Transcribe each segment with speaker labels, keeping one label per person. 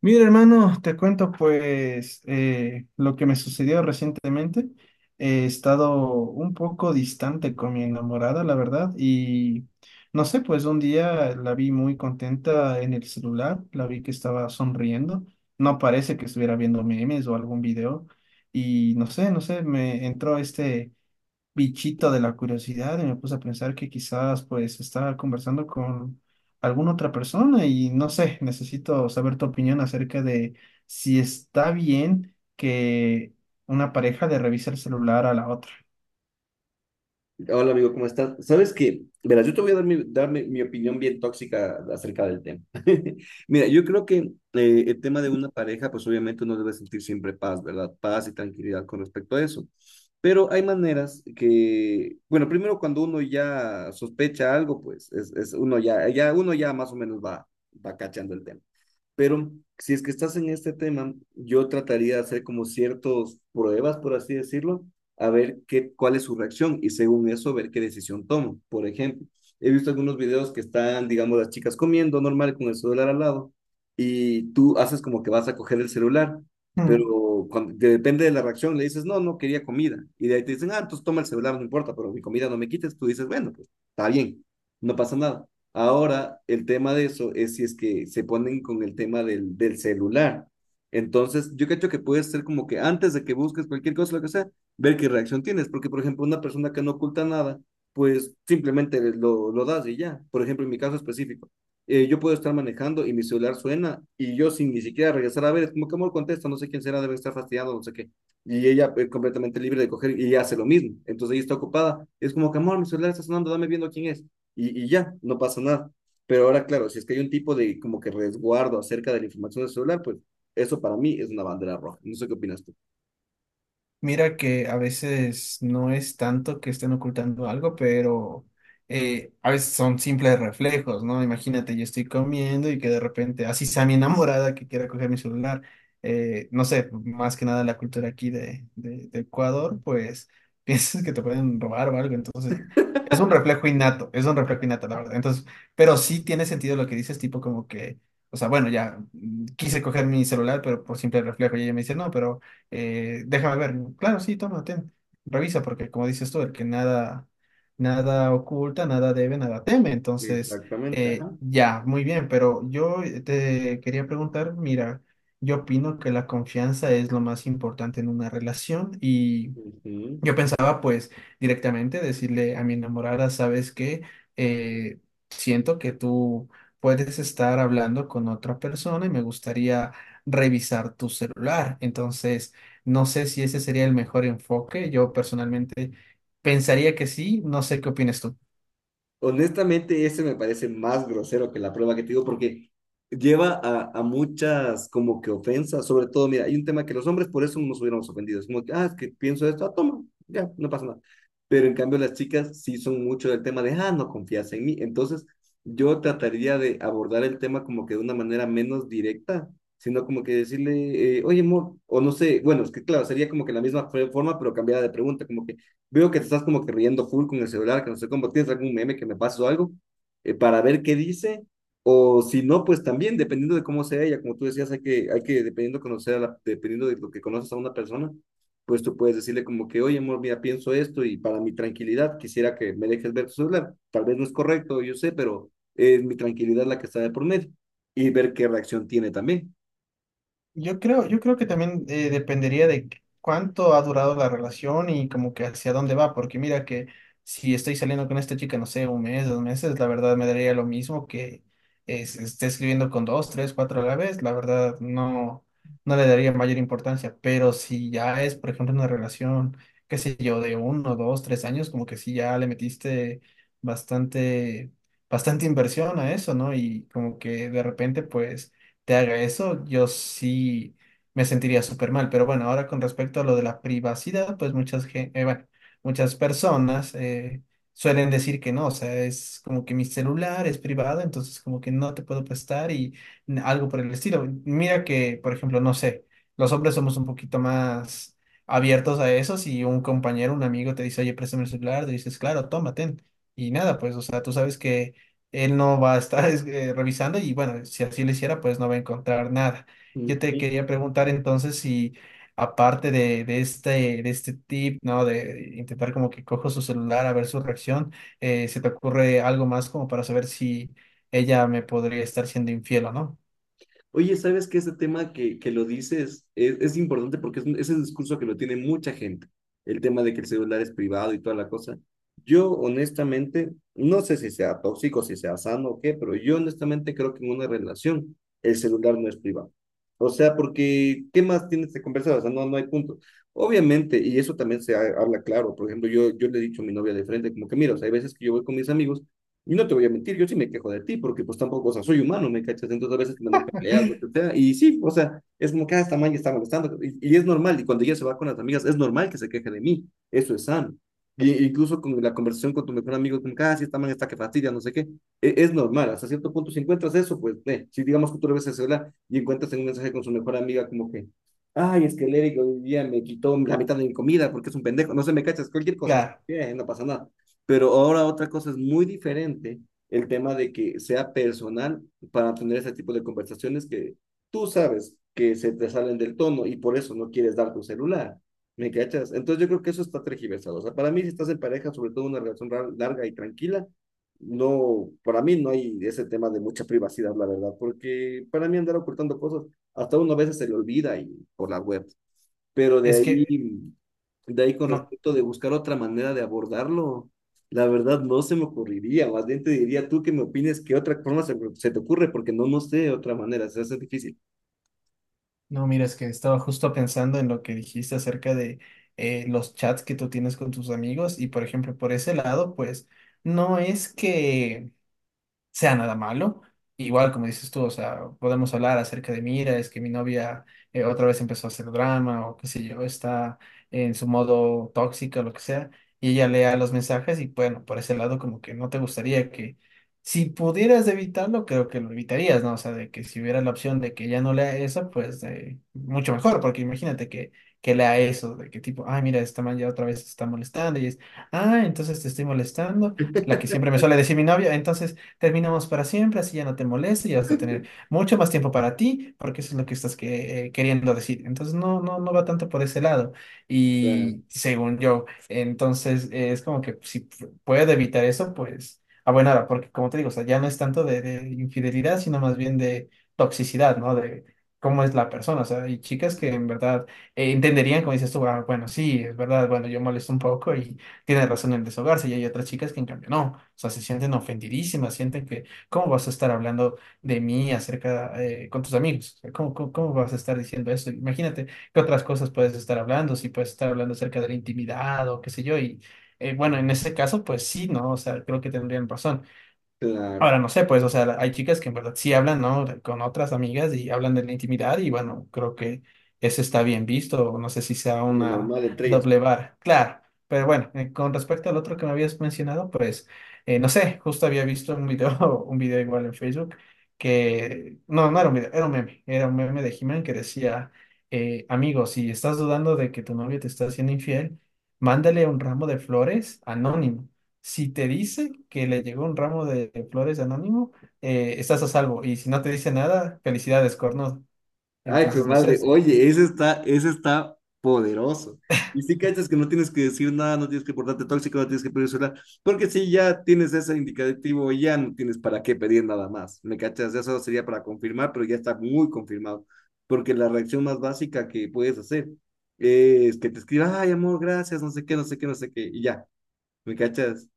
Speaker 1: Mira, hermano, te cuento pues lo que me sucedió recientemente. He estado un poco distante con mi enamorada, la verdad, y no sé, pues un día la vi muy contenta en el celular, la vi que estaba sonriendo, no parece que estuviera viendo memes o algún video, y no sé, me entró este bichito de la curiosidad y me puse a pensar que quizás pues estaba conversando con alguna otra persona y no sé, necesito saber tu opinión acerca de si está bien que una pareja le revise el celular a la otra.
Speaker 2: Hola amigo, ¿cómo estás? Sabes que, verás, yo te voy a dar mi opinión bien tóxica acerca del tema. Mira, yo creo que el tema de una pareja, pues obviamente uno debe sentir siempre paz, ¿verdad? Paz y tranquilidad con respecto a eso. Pero hay maneras que, bueno, primero cuando uno ya sospecha algo, pues es uno ya más o menos va, va cachando el tema. Pero si es que estás en este tema, yo trataría de hacer como ciertas pruebas, por así decirlo, a ver cuál es su reacción y según eso ver qué decisión tomo. Por ejemplo, he visto algunos videos que están, digamos, las chicas comiendo normal con el celular al lado y tú haces como que vas a coger el celular, pero cuando, depende de la reacción, le dices, no, no quería comida. Y de ahí te dicen, ah, entonces toma el celular, no importa, pero mi comida no me quites. Tú dices, bueno, pues está bien, no pasa nada. Ahora, el tema de eso es si es que se ponen con el tema del celular. Entonces, yo creo que puede ser como que antes de que busques cualquier cosa, lo que sea, ver qué reacción tienes. Porque, por ejemplo, una persona que no oculta nada, pues simplemente lo das y ya. Por ejemplo, en mi caso específico, yo puedo estar manejando y mi celular suena y yo sin ni siquiera regresar a ver, es como que amor contesta, no sé quién será, debe estar fastidiado, no sé qué. Y ella es completamente libre de coger y hace lo mismo. Entonces ella está ocupada. Es como que amor, mi celular está sonando, dame viendo quién es y ya, no pasa nada. Pero ahora, claro, si es que hay un tipo de como que resguardo acerca de la información del celular, pues eso para mí es una bandera roja. No sé qué opinas tú.
Speaker 1: Mira que a veces no es tanto que estén ocultando algo, pero a veces son simples reflejos, ¿no? Imagínate, yo estoy comiendo y que de repente, así sea mi enamorada que quiera coger mi celular, no sé, más que nada la cultura aquí de Ecuador, pues piensas que te pueden robar o algo, entonces es un reflejo innato, es un reflejo innato, la verdad. Entonces, pero sí tiene sentido lo que dices, tipo como que, o sea, bueno, ya quise coger mi celular, pero por simple reflejo, y ella me dice, no, pero déjame ver. Claro, sí, toma, ten. Revisa, porque como dices tú, el que nada, nada oculta, nada debe, nada teme. Entonces,
Speaker 2: Exactamente, ajá.
Speaker 1: ya, muy bien, pero yo te quería preguntar, mira, yo opino que la confianza es lo más importante en una relación y...
Speaker 2: Ujú.
Speaker 1: Yo pensaba pues directamente decirle a mi enamorada, ¿sabes que siento que tú puedes estar hablando con otra persona y me gustaría revisar tu celular. Entonces, no sé si ese sería el mejor enfoque. Yo personalmente pensaría que sí. No sé qué opinas tú.
Speaker 2: Honestamente, ese me parece más grosero que la prueba que te digo, porque lleva a muchas como que ofensas, sobre todo, mira, hay un tema que los hombres por eso nos hubiéramos ofendido, es como que, ah, es que pienso esto, ah, toma, ya, no pasa nada. Pero en cambio las chicas sí son mucho del tema de, ah, no confías en mí. Entonces, yo trataría de abordar el tema como que de una manera menos directa, sino como que decirle, oye, amor, o no sé, bueno, es que claro, sería como que la misma forma, pero cambiada de pregunta, como que veo que te estás como que riendo full con el celular, que no sé cómo, ¿tienes algún meme que me pases o algo? Para ver qué dice, o si no, pues también, dependiendo de cómo sea ella, como tú decías, hay que dependiendo, conocer dependiendo de lo que conoces a una persona, pues tú puedes decirle como que, oye, amor, mira, pienso esto y para mi tranquilidad quisiera que me dejes ver tu celular. Tal vez no es correcto, yo sé, pero es mi tranquilidad la que está de por medio y ver qué reacción tiene también.
Speaker 1: Yo creo que también dependería de cuánto ha durado la relación y como que hacia dónde va, porque mira que si estoy saliendo con esta chica, no sé, un mes, dos meses, la verdad me daría lo mismo que esté escribiendo con dos, tres, cuatro a la vez, la verdad no, no le daría mayor importancia, pero si ya es, por ejemplo, una relación, qué sé yo, de uno, dos, tres años, como que sí ya le metiste bastante, bastante inversión a eso, ¿no? Y como que de repente, pues te haga eso, yo sí me sentiría súper mal. Pero bueno, ahora con respecto a lo de la privacidad, pues bueno, muchas personas suelen decir que no, o sea, es como que mi celular es privado, entonces como que no te puedo prestar y algo por el estilo. Mira que, por ejemplo, no sé, los hombres somos un poquito más abiertos a eso. Si un compañero, un amigo te dice, oye, préstame el celular, te dices, claro, tómate. Y nada, pues, o sea, tú sabes que él no va a estar revisando y bueno, si así lo hiciera, pues no va a encontrar nada. Yo te
Speaker 2: Ujú.
Speaker 1: quería preguntar entonces si aparte de este tip, ¿no? De intentar como que cojo su celular a ver su reacción, ¿se te ocurre algo más como para saber si ella me podría estar siendo infiel o no?
Speaker 2: Oye, ¿sabes que ese tema que lo dices es importante porque es, es el discurso que lo tiene mucha gente? El tema de que el celular es privado y toda la cosa. Yo honestamente, no sé si sea tóxico, si sea sano o qué, pero yo honestamente creo que en una relación el celular no es privado. O sea, porque ¿qué más tienes que conversar? O sea, no hay punto. Obviamente, y eso también habla claro. Por ejemplo, yo le he dicho a mi novia de frente, como que mira, o sea, hay veces que yo voy con mis amigos y no te voy a mentir, yo sí me quejo de ti, porque pues tampoco, o sea, soy humano, ¿me cachas? Entonces a veces tenemos peleas, lo que sea, y sí, o sea, es como que, ah, esta man ya está molestando, y es normal, y cuando ella se va con las amigas, es normal que se queje de mí, eso es sano. Y, incluso con la conversación con tu mejor amigo, como que, ah, sí, esta man está que fastidia, no sé qué, es normal, hasta cierto punto, si encuentras eso, pues, si digamos que tú le ves el celular y encuentras en un mensaje con su mejor amiga, como que, ay, es que el Eric hoy día me quitó la mitad de mi comida porque es un pendejo, no sé, me cachas, cualquier cosa, es,
Speaker 1: Claro,
Speaker 2: no pasa nada. Pero ahora otra cosa es muy diferente, el tema de que sea personal para tener ese tipo de conversaciones que tú sabes que se te salen del tono y por eso no quieres dar tu celular. ¿Me cachas? Entonces yo creo que eso está tergiversado. O sea, para mí si estás en pareja, sobre todo una relación larga y tranquila, no, para mí no hay ese tema de mucha privacidad, la verdad, porque para mí andar ocultando cosas, hasta uno a veces se le olvida y por la web. Pero
Speaker 1: es que
Speaker 2: de ahí con
Speaker 1: no,
Speaker 2: respecto de buscar otra manera de abordarlo, la verdad no se me ocurriría, más bien te diría tú que me opines qué otra forma se te ocurre, porque no sé otra manera, se hace difícil,
Speaker 1: no, mira, es que estaba justo pensando en lo que dijiste acerca de los chats que tú tienes con tus amigos y por ejemplo, por ese lado, pues no es que sea nada malo. Igual, como dices tú, o sea, podemos hablar acerca de, mira, es que mi novia otra vez empezó a hacer drama o qué sé yo, está en su modo tóxica, lo que sea, y ella lea los mensajes y bueno, por ese lado como que no te gustaría que, si pudieras evitarlo, creo que lo evitarías, ¿no? O sea, de que si hubiera la opción de que ella no lea eso, pues mucho mejor, porque imagínate que lea eso, de que tipo, ay, mira, esta man ya otra vez está molestando y es, ah, entonces te estoy molestando, la que siempre me suele decir mi novia, entonces terminamos para siempre, así ya no te molesta y vas a tener mucho más tiempo para ti, porque eso es lo que estás queriendo decir. Entonces no va tanto por ese lado. Y según yo, entonces es como que si puedo evitar eso, pues a buena hora, porque como te digo, o sea, ya no es tanto de infidelidad, sino más bien de toxicidad, ¿no? De cómo es la persona, o sea, hay chicas que en verdad entenderían, como dices tú, "Ah, bueno, sí, es verdad, bueno, yo molesto un poco y tiene razón en desahogarse y hay otras chicas que en cambio no, o sea, se sienten ofendidísimas, sienten que, ¿cómo vas a estar hablando de mí acerca con tus amigos? O sea, cómo vas a estar diciendo eso? Imagínate qué otras cosas puedes estar hablando, si puedes estar hablando acerca de la intimidad o qué sé yo, y bueno, en ese caso, pues sí, ¿no? O sea, creo que tendrían razón.
Speaker 2: la,
Speaker 1: Ahora no sé, pues, o sea, hay chicas que en verdad sí hablan, ¿no? Con otras amigas y hablan de la intimidad y bueno, creo que eso está bien visto, no sé si sea
Speaker 2: la
Speaker 1: una
Speaker 2: normal entre ellos.
Speaker 1: doble vara, claro, pero bueno, con respecto al otro que me habías mencionado, pues, no sé, justo había visto un video, un video igual en Facebook que, no, no era un video, era un meme de He-Man que decía, amigo, si estás dudando de que tu novio te está haciendo infiel, mándale un ramo de flores anónimo. Si te dice que le llegó un ramo de flores anónimo, estás a salvo. Y si no te dice nada, felicidades, corno.
Speaker 2: Ay, hijo de
Speaker 1: Entonces, no sé.
Speaker 2: madre, oye, ese está poderoso. Y si cachas que no tienes que decir nada, no tienes que portarte tóxico, no tienes que pedir celular, porque si ya tienes ese indicativo, ya no tienes para qué pedir nada más. ¿Me cachas? Eso sería para confirmar, pero ya está muy confirmado. Porque la reacción más básica que puedes hacer es que te escriba, ay, amor, gracias, no sé qué, no sé qué, no sé qué, y ya. ¿Me cachas?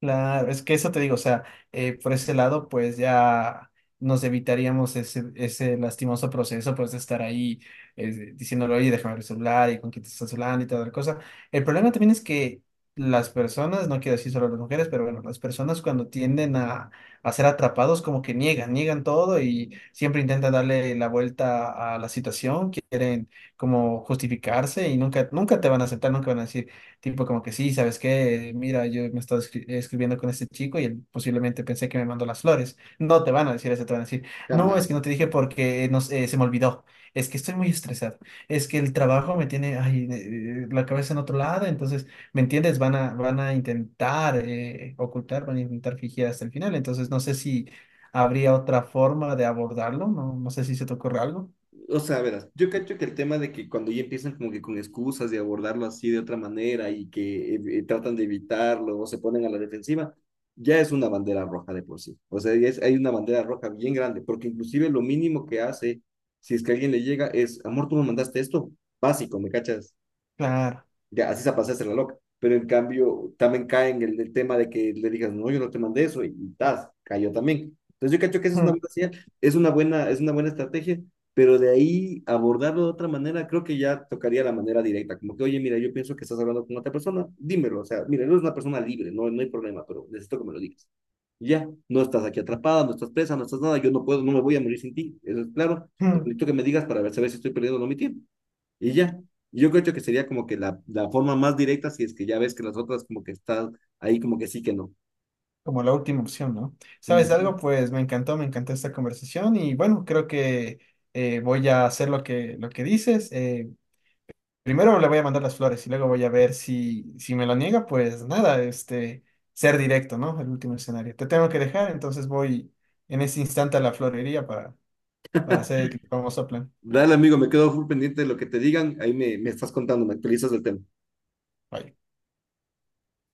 Speaker 1: Claro, es que eso te digo, o sea, por ese lado, pues ya nos evitaríamos ese, ese lastimoso proceso, pues de estar ahí diciéndole, oye, déjame ver el celular y con quién te estás hablando y toda la cosa. El problema también es que las personas, no quiero decir solo las mujeres, pero bueno, las personas cuando tienden a ser atrapados, como que niegan, niegan todo y siempre intentan darle la vuelta a la situación, quieren como justificarse y nunca, nunca te van a aceptar, nunca van a decir. Tipo como que sí, ¿sabes qué? Mira, yo me estaba escribiendo con este chico y él posiblemente pensé que me mandó las flores. No te van a decir eso, te van a decir, no, es
Speaker 2: Jamás.
Speaker 1: que no te dije porque no sé, se me olvidó. Es que estoy muy estresado. Es que el trabajo me tiene ay, la cabeza en otro lado. Entonces, ¿me entiendes? Van a intentar ocultar, van a intentar fingir hasta el final. Entonces, no sé si habría otra forma de abordarlo. No, no sé si se te ocurre algo.
Speaker 2: O sea, verás, yo cacho que el tema de que cuando ya empiezan como que con excusas de abordarlo así de otra manera y que tratan de evitarlo o se ponen a la defensiva, ya es una bandera roja de por sí. O sea, ya es, hay una bandera roja bien grande, porque inclusive lo mínimo que hace, si es que alguien le llega, es, amor, tú me mandaste esto, básico, ¿me cachas?
Speaker 1: Claro.
Speaker 2: Ya así se pasaste la loca. Pero en cambio, también cae en el tema de que le digas, no, yo no te mandé eso, y tas, cayó también. Entonces yo cacho que esa es una buena señal, es una buena estrategia, pero de ahí abordarlo de otra manera, creo que ya tocaría la manera directa, como que, oye, mira, yo pienso que estás hablando con otra persona, dímelo, o sea, mira, eres una persona libre, no hay problema, pero necesito que me lo digas. Y ya, no estás aquí atrapada, no estás presa, no estás nada, yo no puedo, no me voy a morir sin ti, eso es claro, pero necesito que me digas para ver, saber si estoy perdiendo o no mi tiempo. Y ya, yo creo que sería como que la forma más directa si es que ya ves que las otras como que están ahí como que sí que no.
Speaker 1: Como la última opción, ¿no? ¿Sabes
Speaker 2: Ujú.
Speaker 1: algo? Pues me encantó esta conversación y bueno, creo que voy a hacer lo que dices. Primero le voy a mandar las flores y luego voy a ver si me lo niega, pues nada, este, ser directo, ¿no? El último escenario. Te tengo que dejar, entonces voy en ese instante a la florería para hacer el famoso plan.
Speaker 2: Dale, amigo, me quedo full pendiente de lo que te digan. Me estás contando, me actualizas el tema.
Speaker 1: Bye.